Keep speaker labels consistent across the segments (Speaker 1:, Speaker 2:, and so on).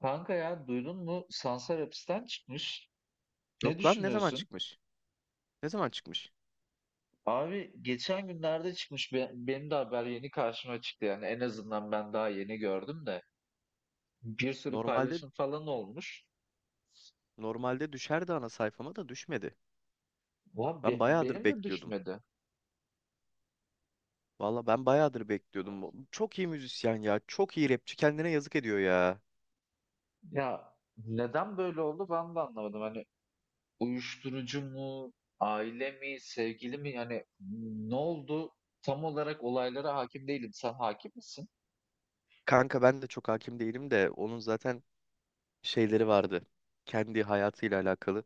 Speaker 1: Kanka, ya duydun mu? Sansar hapisten çıkmış. Ne
Speaker 2: Yok lan ne zaman
Speaker 1: düşünüyorsun?
Speaker 2: çıkmış? Ne zaman çıkmış?
Speaker 1: Abi geçen günlerde çıkmış. Benim de haber yeni karşıma çıktı yani. En azından ben daha yeni gördüm de. Bir sürü
Speaker 2: Normalde
Speaker 1: paylaşım falan olmuş.
Speaker 2: normalde düşerdi ana sayfama da düşmedi.
Speaker 1: Ulan
Speaker 2: Ben bayağıdır
Speaker 1: benim de
Speaker 2: bekliyordum.
Speaker 1: düşmedi.
Speaker 2: Valla ben bayağıdır bekliyordum. Çok iyi müzisyen ya. Çok iyi rapçi. Kendine yazık ediyor ya.
Speaker 1: Ya neden böyle oldu ben de anlamadım. Hani uyuşturucu mu, aile mi, sevgili mi? Yani ne oldu? Tam olarak olaylara hakim değilim. Sen hakim misin?
Speaker 2: Kanka ben de çok hakim değilim de onun zaten şeyleri vardı. Kendi hayatıyla alakalı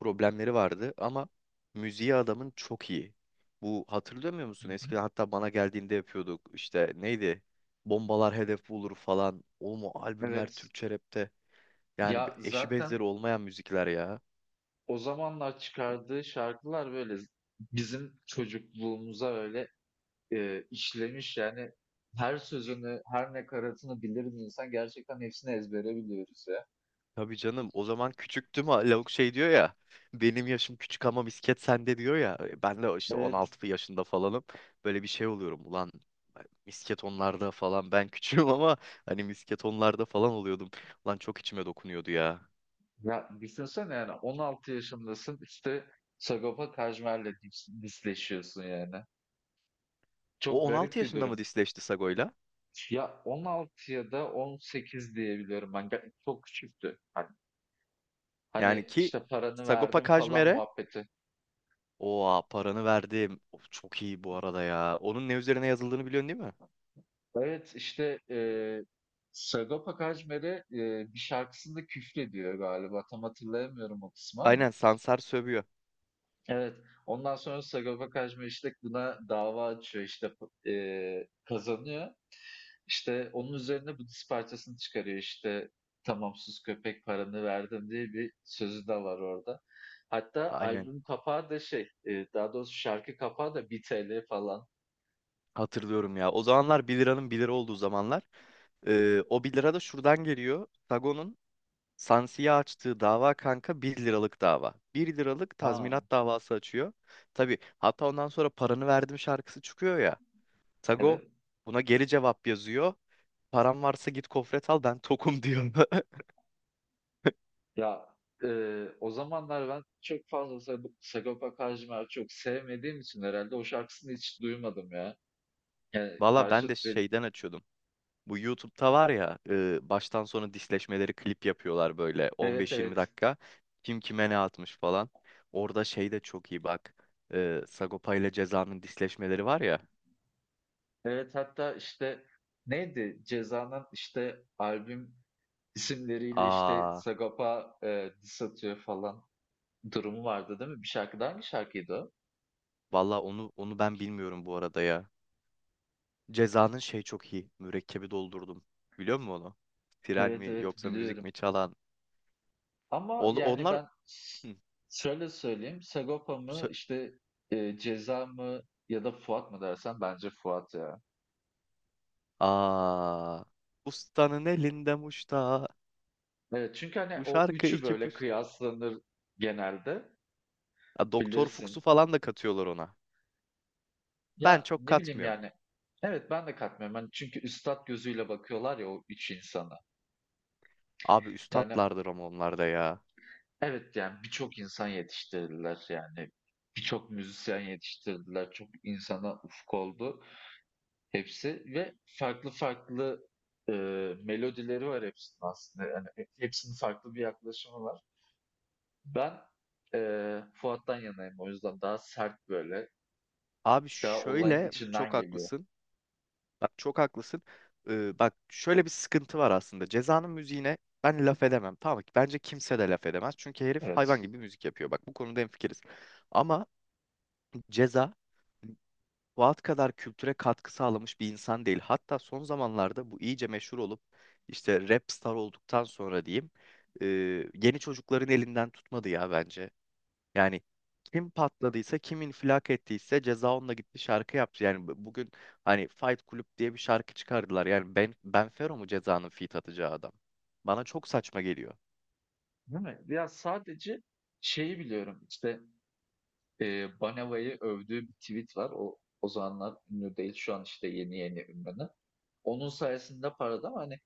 Speaker 2: problemleri vardı ama müziği adamın çok iyi. Bu hatırlamıyor
Speaker 1: Hı
Speaker 2: musun?
Speaker 1: hı.
Speaker 2: Eskiden hatta bana geldiğinde yapıyorduk. İşte neydi? Bombalar hedef bulur falan. Oğlum o albümler
Speaker 1: Evet.
Speaker 2: Türkçe rapte. Yani
Speaker 1: Ya
Speaker 2: eşi
Speaker 1: zaten
Speaker 2: benzeri olmayan müzikler ya.
Speaker 1: o zamanlar çıkardığı şarkılar böyle bizim çocukluğumuza öyle işlemiş yani, her sözünü, her nakaratını biliriz, insan gerçekten hepsini ezbere biliyoruz ya.
Speaker 2: Tabii canım o zaman küçüktüm ha, lavuk şey diyor ya. Benim yaşım küçük ama misket sende diyor ya. Ben de işte
Speaker 1: Evet.
Speaker 2: 16 yaşında falanım. Böyle bir şey oluyorum ulan misket onlarda falan ben küçüğüm ama hani misket onlarda falan oluyordum. Ulan çok içime dokunuyordu ya.
Speaker 1: Ya düşünsene, yani 16 yaşındasın işte Sagopa Kajmer'le disleşiyorsun yani.
Speaker 2: O
Speaker 1: Çok
Speaker 2: 16
Speaker 1: garip bir
Speaker 2: yaşında mı
Speaker 1: durum.
Speaker 2: disleşti Sago'yla?
Speaker 1: Ya 16 ya da 18 diye biliyorum ben. Çok küçüktü.
Speaker 2: Yani
Speaker 1: Hani
Speaker 2: ki
Speaker 1: işte paranı
Speaker 2: Sagopa
Speaker 1: verdim falan
Speaker 2: Kajmer'e
Speaker 1: muhabbeti.
Speaker 2: oha paranı verdim. Of, çok iyi bu arada ya. Onun ne üzerine yazıldığını biliyorsun değil mi?
Speaker 1: Evet, işte Sagopa Kajmer'e bir şarkısında küfrediyor galiba. Tam hatırlayamıyorum o kısmı ama.
Speaker 2: Aynen Sansar sövüyor.
Speaker 1: Evet. Ondan sonra Sagopa Kajmer işte buna dava açıyor, işte kazanıyor. İşte onun üzerine bu diss parçasını çıkarıyor, işte tamam sus köpek paranı verdim diye bir sözü de var orada. Hatta
Speaker 2: Aynen.
Speaker 1: albüm kapağı da daha doğrusu şarkı kapağı da 1 TL falan.
Speaker 2: Hatırlıyorum ya. O zamanlar bir liranın bir lira olduğu zamanlar. O bir lira da şuradan geliyor. Sagon'un Sansi'ye açtığı dava kanka bir liralık dava. Bir liralık
Speaker 1: Ha,
Speaker 2: tazminat davası açıyor. Tabii hatta ondan sonra paranı verdim şarkısı çıkıyor ya. Sago
Speaker 1: evet.
Speaker 2: buna geri cevap yazıyor. Param varsa git kofret al ben tokum diyor.
Speaker 1: Ya o zamanlar ben çok fazla Sagopa Kajmer'i çok sevmediğim için herhalde o şarkısını hiç duymadım ya. Yani
Speaker 2: Valla
Speaker 1: karşı,
Speaker 2: ben de şeyden açıyordum. Bu YouTube'da var ya baştan sona disleşmeleri klip yapıyorlar böyle
Speaker 1: evet
Speaker 2: 15-20
Speaker 1: evet.
Speaker 2: dakika. Kim kime ne atmış falan. Orada şey de çok iyi bak. Sagopa ile Ceza'nın disleşmeleri var ya.
Speaker 1: Evet, hatta işte neydi? Ceza'nın işte albüm isimleriyle işte
Speaker 2: Aa
Speaker 1: Sagopa diss atıyor falan durumu vardı değil mi? Bir şarkıda, hangi şarkıydı o?
Speaker 2: valla onu ben bilmiyorum bu arada ya. Ceza'nın şey çok iyi. Mürekkebi doldurdum. Biliyor musun onu? Tren
Speaker 1: Evet
Speaker 2: mi
Speaker 1: evet,
Speaker 2: yoksa müzik
Speaker 1: biliyorum.
Speaker 2: mi çalan?
Speaker 1: Ama
Speaker 2: On-
Speaker 1: yani
Speaker 2: onlar Hı,
Speaker 1: şöyle söyleyeyim. Sagopa mı
Speaker 2: sö-
Speaker 1: işte Ceza mı ya da Fuat mı dersen, bence Fuat ya.
Speaker 2: Aa ustanın elinde muşta.
Speaker 1: Evet, çünkü hani
Speaker 2: Bu
Speaker 1: o
Speaker 2: şarkı
Speaker 1: üçü
Speaker 2: iki
Speaker 1: böyle
Speaker 2: puşta.
Speaker 1: kıyaslanır genelde,
Speaker 2: Ha, Doktor Fuchs'u
Speaker 1: bilirsin.
Speaker 2: falan da katıyorlar ona. Ben
Speaker 1: Ya
Speaker 2: çok
Speaker 1: ne bileyim
Speaker 2: katmıyorum.
Speaker 1: yani. Evet, ben de katmıyorum. Hani çünkü üstat gözüyle bakıyorlar ya o üç insana.
Speaker 2: Abi
Speaker 1: Yani
Speaker 2: üstatlardır ama onlar da ya.
Speaker 1: evet, yani birçok insan yetiştirdiler yani. Birçok müzisyen yetiştirdiler. Çok insana ufuk oldu. Hepsi ve farklı farklı, melodileri var hepsinin aslında. Yani hepsinin farklı bir yaklaşımı var. Ben, Fuat'tan yanayım o yüzden. Daha sert böyle,
Speaker 2: Abi
Speaker 1: daha olayın
Speaker 2: şöyle çok
Speaker 1: içinden geliyor.
Speaker 2: haklısın. Bak çok haklısın. Bak şöyle bir sıkıntı var aslında. Ceza'nın müziğine ben laf edemem. Tamam mı? Bence kimse de laf edemez. Çünkü herif hayvan
Speaker 1: Evet.
Speaker 2: gibi müzik yapıyor. Bak bu konuda hemfikiriz. Ama Ceza Fuat kadar kültüre katkı sağlamış bir insan değil. Hatta son zamanlarda bu iyice meşhur olup işte rap star olduktan sonra diyeyim e, yeni çocukların elinden tutmadı ya bence. Yani kim patladıysa, kim infilak ettiyse ceza onunla gitti şarkı yaptı. Yani bugün hani Fight Club diye bir şarkı çıkardılar. Yani ben benfero mu cezanın feat atacağı adam? Bana çok saçma geliyor.
Speaker 1: Değil mi? Ya sadece şeyi biliyorum işte, Baneva'yı övdüğü bir tweet var. O, o zamanlar ünlü değil. Şu an işte yeni yeni ünlü. Onun sayesinde parladı ama hani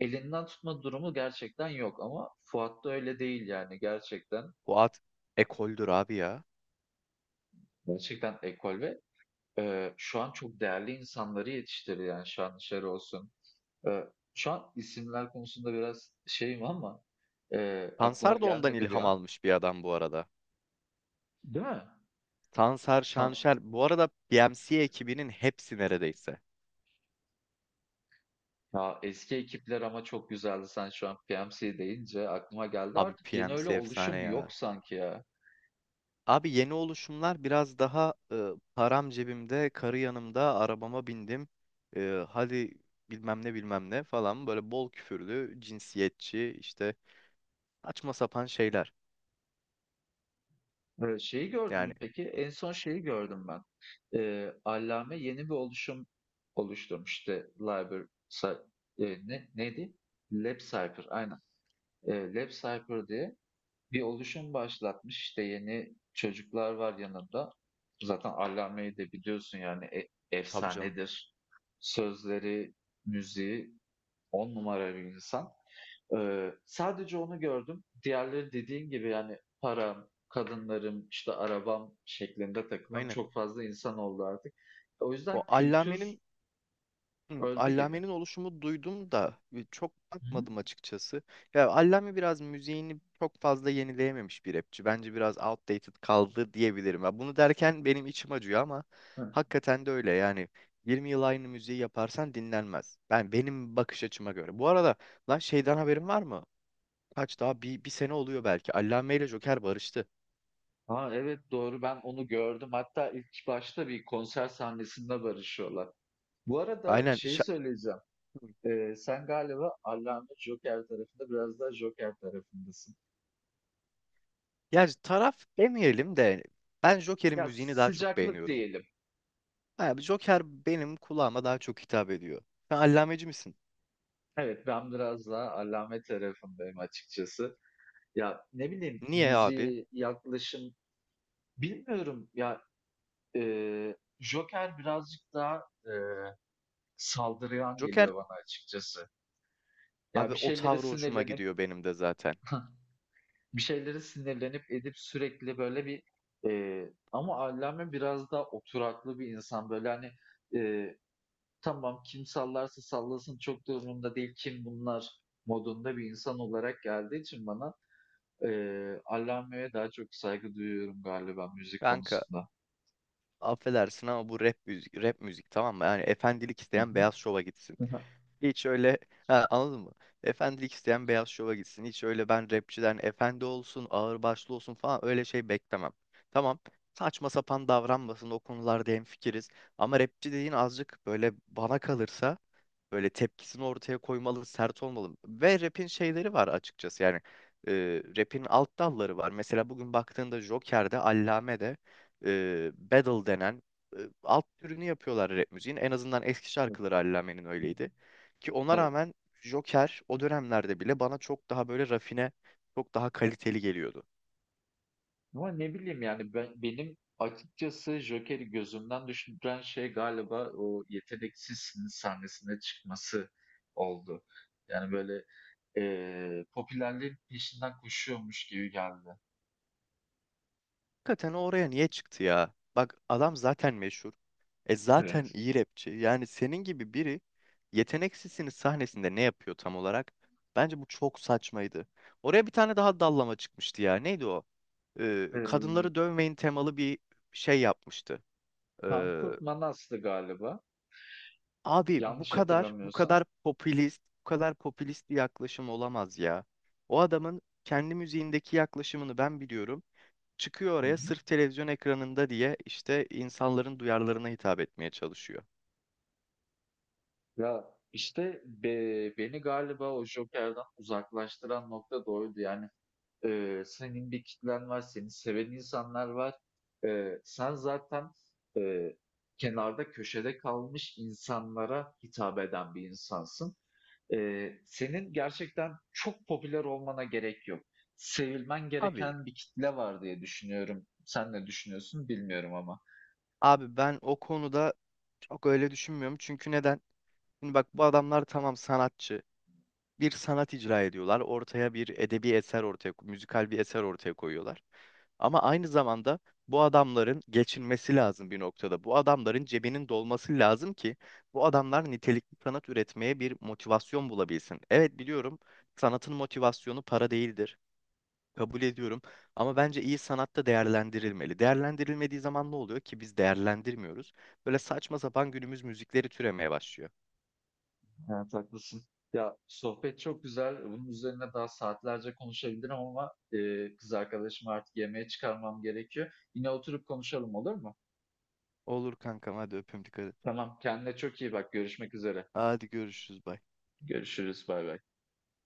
Speaker 1: elinden tutma durumu gerçekten yok, ama Fuat'ta öyle değil yani gerçekten.
Speaker 2: Bu at ekoldür abi ya.
Speaker 1: Gerçekten ekol ve, şu an çok değerli insanları yetiştiriyor. Yani şu an dışarı olsun. Eee, şu an isimler konusunda biraz şeyim ama, aklıma
Speaker 2: Tansar da ondan
Speaker 1: gelmedi bir
Speaker 2: ilham
Speaker 1: an.
Speaker 2: almış bir adam bu arada.
Speaker 1: Değil mi?
Speaker 2: Tansar,
Speaker 1: Sen?
Speaker 2: Şanşer. Bu arada PMC ekibinin hepsi neredeyse.
Speaker 1: Ya, eski ekipler ama çok güzeldi. Sen şu an PMC deyince aklıma geldi.
Speaker 2: Abi
Speaker 1: Artık yeni
Speaker 2: PMC
Speaker 1: öyle
Speaker 2: efsane
Speaker 1: oluşum
Speaker 2: ya.
Speaker 1: yok sanki ya.
Speaker 2: Abi yeni oluşumlar biraz daha param cebimde, karı yanımda, arabama bindim. Hadi bilmem ne bilmem ne falan böyle bol küfürlü, cinsiyetçi işte saçma sapan şeyler.
Speaker 1: Şeyi gördün
Speaker 2: Yani
Speaker 1: mü peki? En son şeyi gördüm ben. Allame yeni bir oluşum oluşturmuş. İşte Liber Cy, ne neydi? LabCypher. Aynen. Lab Cypher diye bir oluşum başlatmış. İşte yeni çocuklar var yanında. Zaten Allame'yi de biliyorsun yani
Speaker 2: tabii canım.
Speaker 1: efsanedir. Sözleri, müziği on numara bir insan. Sadece onu gördüm. Diğerleri dediğin gibi yani param, kadınlarım, işte arabam şeklinde takılan
Speaker 2: Aynen.
Speaker 1: çok fazla insan oldu artık. O
Speaker 2: O
Speaker 1: yüzden kültür
Speaker 2: Allame'nin Hı,
Speaker 1: öldü gibi.
Speaker 2: Allame'nin oluşumu duydum da çok bakmadım açıkçası. Ya Allame biraz müziğini çok fazla yenileyememiş bir rapçi. Bence biraz outdated kaldı diyebilirim. Ya bunu derken benim içim acıyor ama
Speaker 1: Hı.
Speaker 2: hakikaten de öyle. Yani 20 yıl aynı müziği yaparsan dinlenmez. Ben benim bakış açıma göre. Bu arada lan şeyden haberin var mı? Kaç daha bir sene oluyor belki. Allame ile Joker barıştı.
Speaker 1: Ha, evet doğru, ben onu gördüm. Hatta ilk başta bir konser sahnesinde barışıyorlar. Bu arada
Speaker 2: Aynen.
Speaker 1: şeyi söyleyeceğim. Sen galiba Allame Joker tarafında, biraz daha Joker tarafındasın.
Speaker 2: Yani taraf demeyelim de ben Joker'in
Speaker 1: Ya
Speaker 2: müziğini daha çok
Speaker 1: sıcaklık
Speaker 2: beğeniyorum.
Speaker 1: diyelim.
Speaker 2: Abi Joker benim kulağıma daha çok hitap ediyor. Sen allameci misin?
Speaker 1: Evet, ben biraz daha Allame tarafındayım açıkçası. Ya ne bileyim
Speaker 2: Niye abi?
Speaker 1: müziği, yaklaşım bilmiyorum ya, Joker birazcık daha saldırgan
Speaker 2: Joker
Speaker 1: geliyor bana açıkçası. Ya
Speaker 2: abi
Speaker 1: bir
Speaker 2: o
Speaker 1: şeylere
Speaker 2: tavrı hoşuma
Speaker 1: sinirlenip
Speaker 2: gidiyor benim de zaten.
Speaker 1: bir şeylere sinirlenip edip sürekli böyle, ama Allame biraz daha oturaklı bir insan. Böyle, hani, eee, tamam kim sallarsa sallasın çok da umurumda değil, kim bunlar modunda bir insan olarak geldiği için bana, Allame'ye daha çok saygı duyuyorum galiba müzik
Speaker 2: Kanka
Speaker 1: konusunda.
Speaker 2: affedersin ama bu rap müzik, rap müzik tamam mı? Yani efendilik
Speaker 1: Hı
Speaker 2: isteyen
Speaker 1: hı.
Speaker 2: beyaz şova gitsin.
Speaker 1: Hı hı.
Speaker 2: Hiç öyle ha, anladın mı? Efendilik isteyen beyaz şova gitsin. Hiç öyle ben rapçiden efendi olsun, ağırbaşlı olsun falan öyle şey beklemem. Tamam. Saçma sapan davranmasın o konularda hemfikiriz. Ama rapçi dediğin azıcık böyle bana kalırsa böyle tepkisini ortaya koymalı, sert olmalı. Ve rap'in şeyleri var açıkçası. Yani e, rap'in alt dalları var. Mesela bugün baktığında Joker'de, Allame'de battle denen alt türünü yapıyorlar rap müziğin. En azından eski
Speaker 1: Evet.
Speaker 2: şarkıları Allame'nin öyleydi. Ki ona
Speaker 1: Evet.
Speaker 2: rağmen Joker o dönemlerde bile bana çok daha böyle rafine, çok daha kaliteli geliyordu.
Speaker 1: Ama ne bileyim yani ben, benim açıkçası Joker'i gözümden düşüren şey galiba o yeteneksizsiniz sahnesine çıkması oldu. Yani böyle popülerliğin peşinden koşuyormuş gibi geldi.
Speaker 2: Hakikaten oraya niye çıktı ya? Bak adam zaten meşhur. E zaten
Speaker 1: Evet.
Speaker 2: iyi rapçi. Yani senin gibi biri yeteneksizsiniz sahnesinde ne yapıyor tam olarak? Bence bu çok saçmaydı. Oraya bir tane daha dallama çıkmıştı ya. Neydi o?
Speaker 1: Eee
Speaker 2: Kadınları dövmeyin temalı bir şey yapmıştı. Ee,
Speaker 1: Tankurt Manas'tı galiba.
Speaker 2: Abi bu
Speaker 1: Yanlış
Speaker 2: kadar, bu
Speaker 1: hatırlamıyorsam.
Speaker 2: kadar popülist, bu kadar popülist bir yaklaşım olamaz ya. O adamın kendi müziğindeki yaklaşımını ben biliyorum çıkıyor
Speaker 1: Hı
Speaker 2: oraya
Speaker 1: hı.
Speaker 2: sırf televizyon ekranında diye işte insanların duyarlarına hitap etmeye çalışıyor.
Speaker 1: Ya işte beni galiba o Joker'dan uzaklaştıran nokta da oydu. Yani senin bir kitlen var, seni seven insanlar var. Sen zaten, eee, kenarda, köşede kalmış insanlara hitap eden bir insansın. Senin gerçekten çok popüler olmana gerek yok. Sevilmen
Speaker 2: Abi,
Speaker 1: gereken bir kitle var diye düşünüyorum. Sen ne düşünüyorsun bilmiyorum ama.
Speaker 2: abi, ben o konuda çok öyle düşünmüyorum. Çünkü neden? Şimdi bak bu adamlar tamam sanatçı. Bir sanat icra ediyorlar. Ortaya bir edebi eser ortaya, müzikal bir eser ortaya koyuyorlar. Ama aynı zamanda bu adamların geçinmesi lazım bir noktada. Bu adamların cebinin dolması lazım ki bu adamlar nitelikli sanat üretmeye bir motivasyon bulabilsin. Evet biliyorum sanatın motivasyonu para değildir. Kabul ediyorum. Ama bence iyi sanatta değerlendirilmeli. Değerlendirilmediği zaman ne oluyor ki biz değerlendirmiyoruz. Böyle saçma sapan günümüz müzikleri türemeye başlıyor.
Speaker 1: Evet, haklısın. Ya sohbet çok güzel. Bunun üzerine daha saatlerce konuşabilirim ama, kız arkadaşımı artık yemeğe çıkarmam gerekiyor. Yine oturup konuşalım, olur mu?
Speaker 2: Olur kankam hadi öpüm dikkat et.
Speaker 1: Tamam, kendine çok iyi bak. Görüşmek üzere.
Speaker 2: Hadi görüşürüz. Bye.
Speaker 1: Görüşürüz. Bay bay.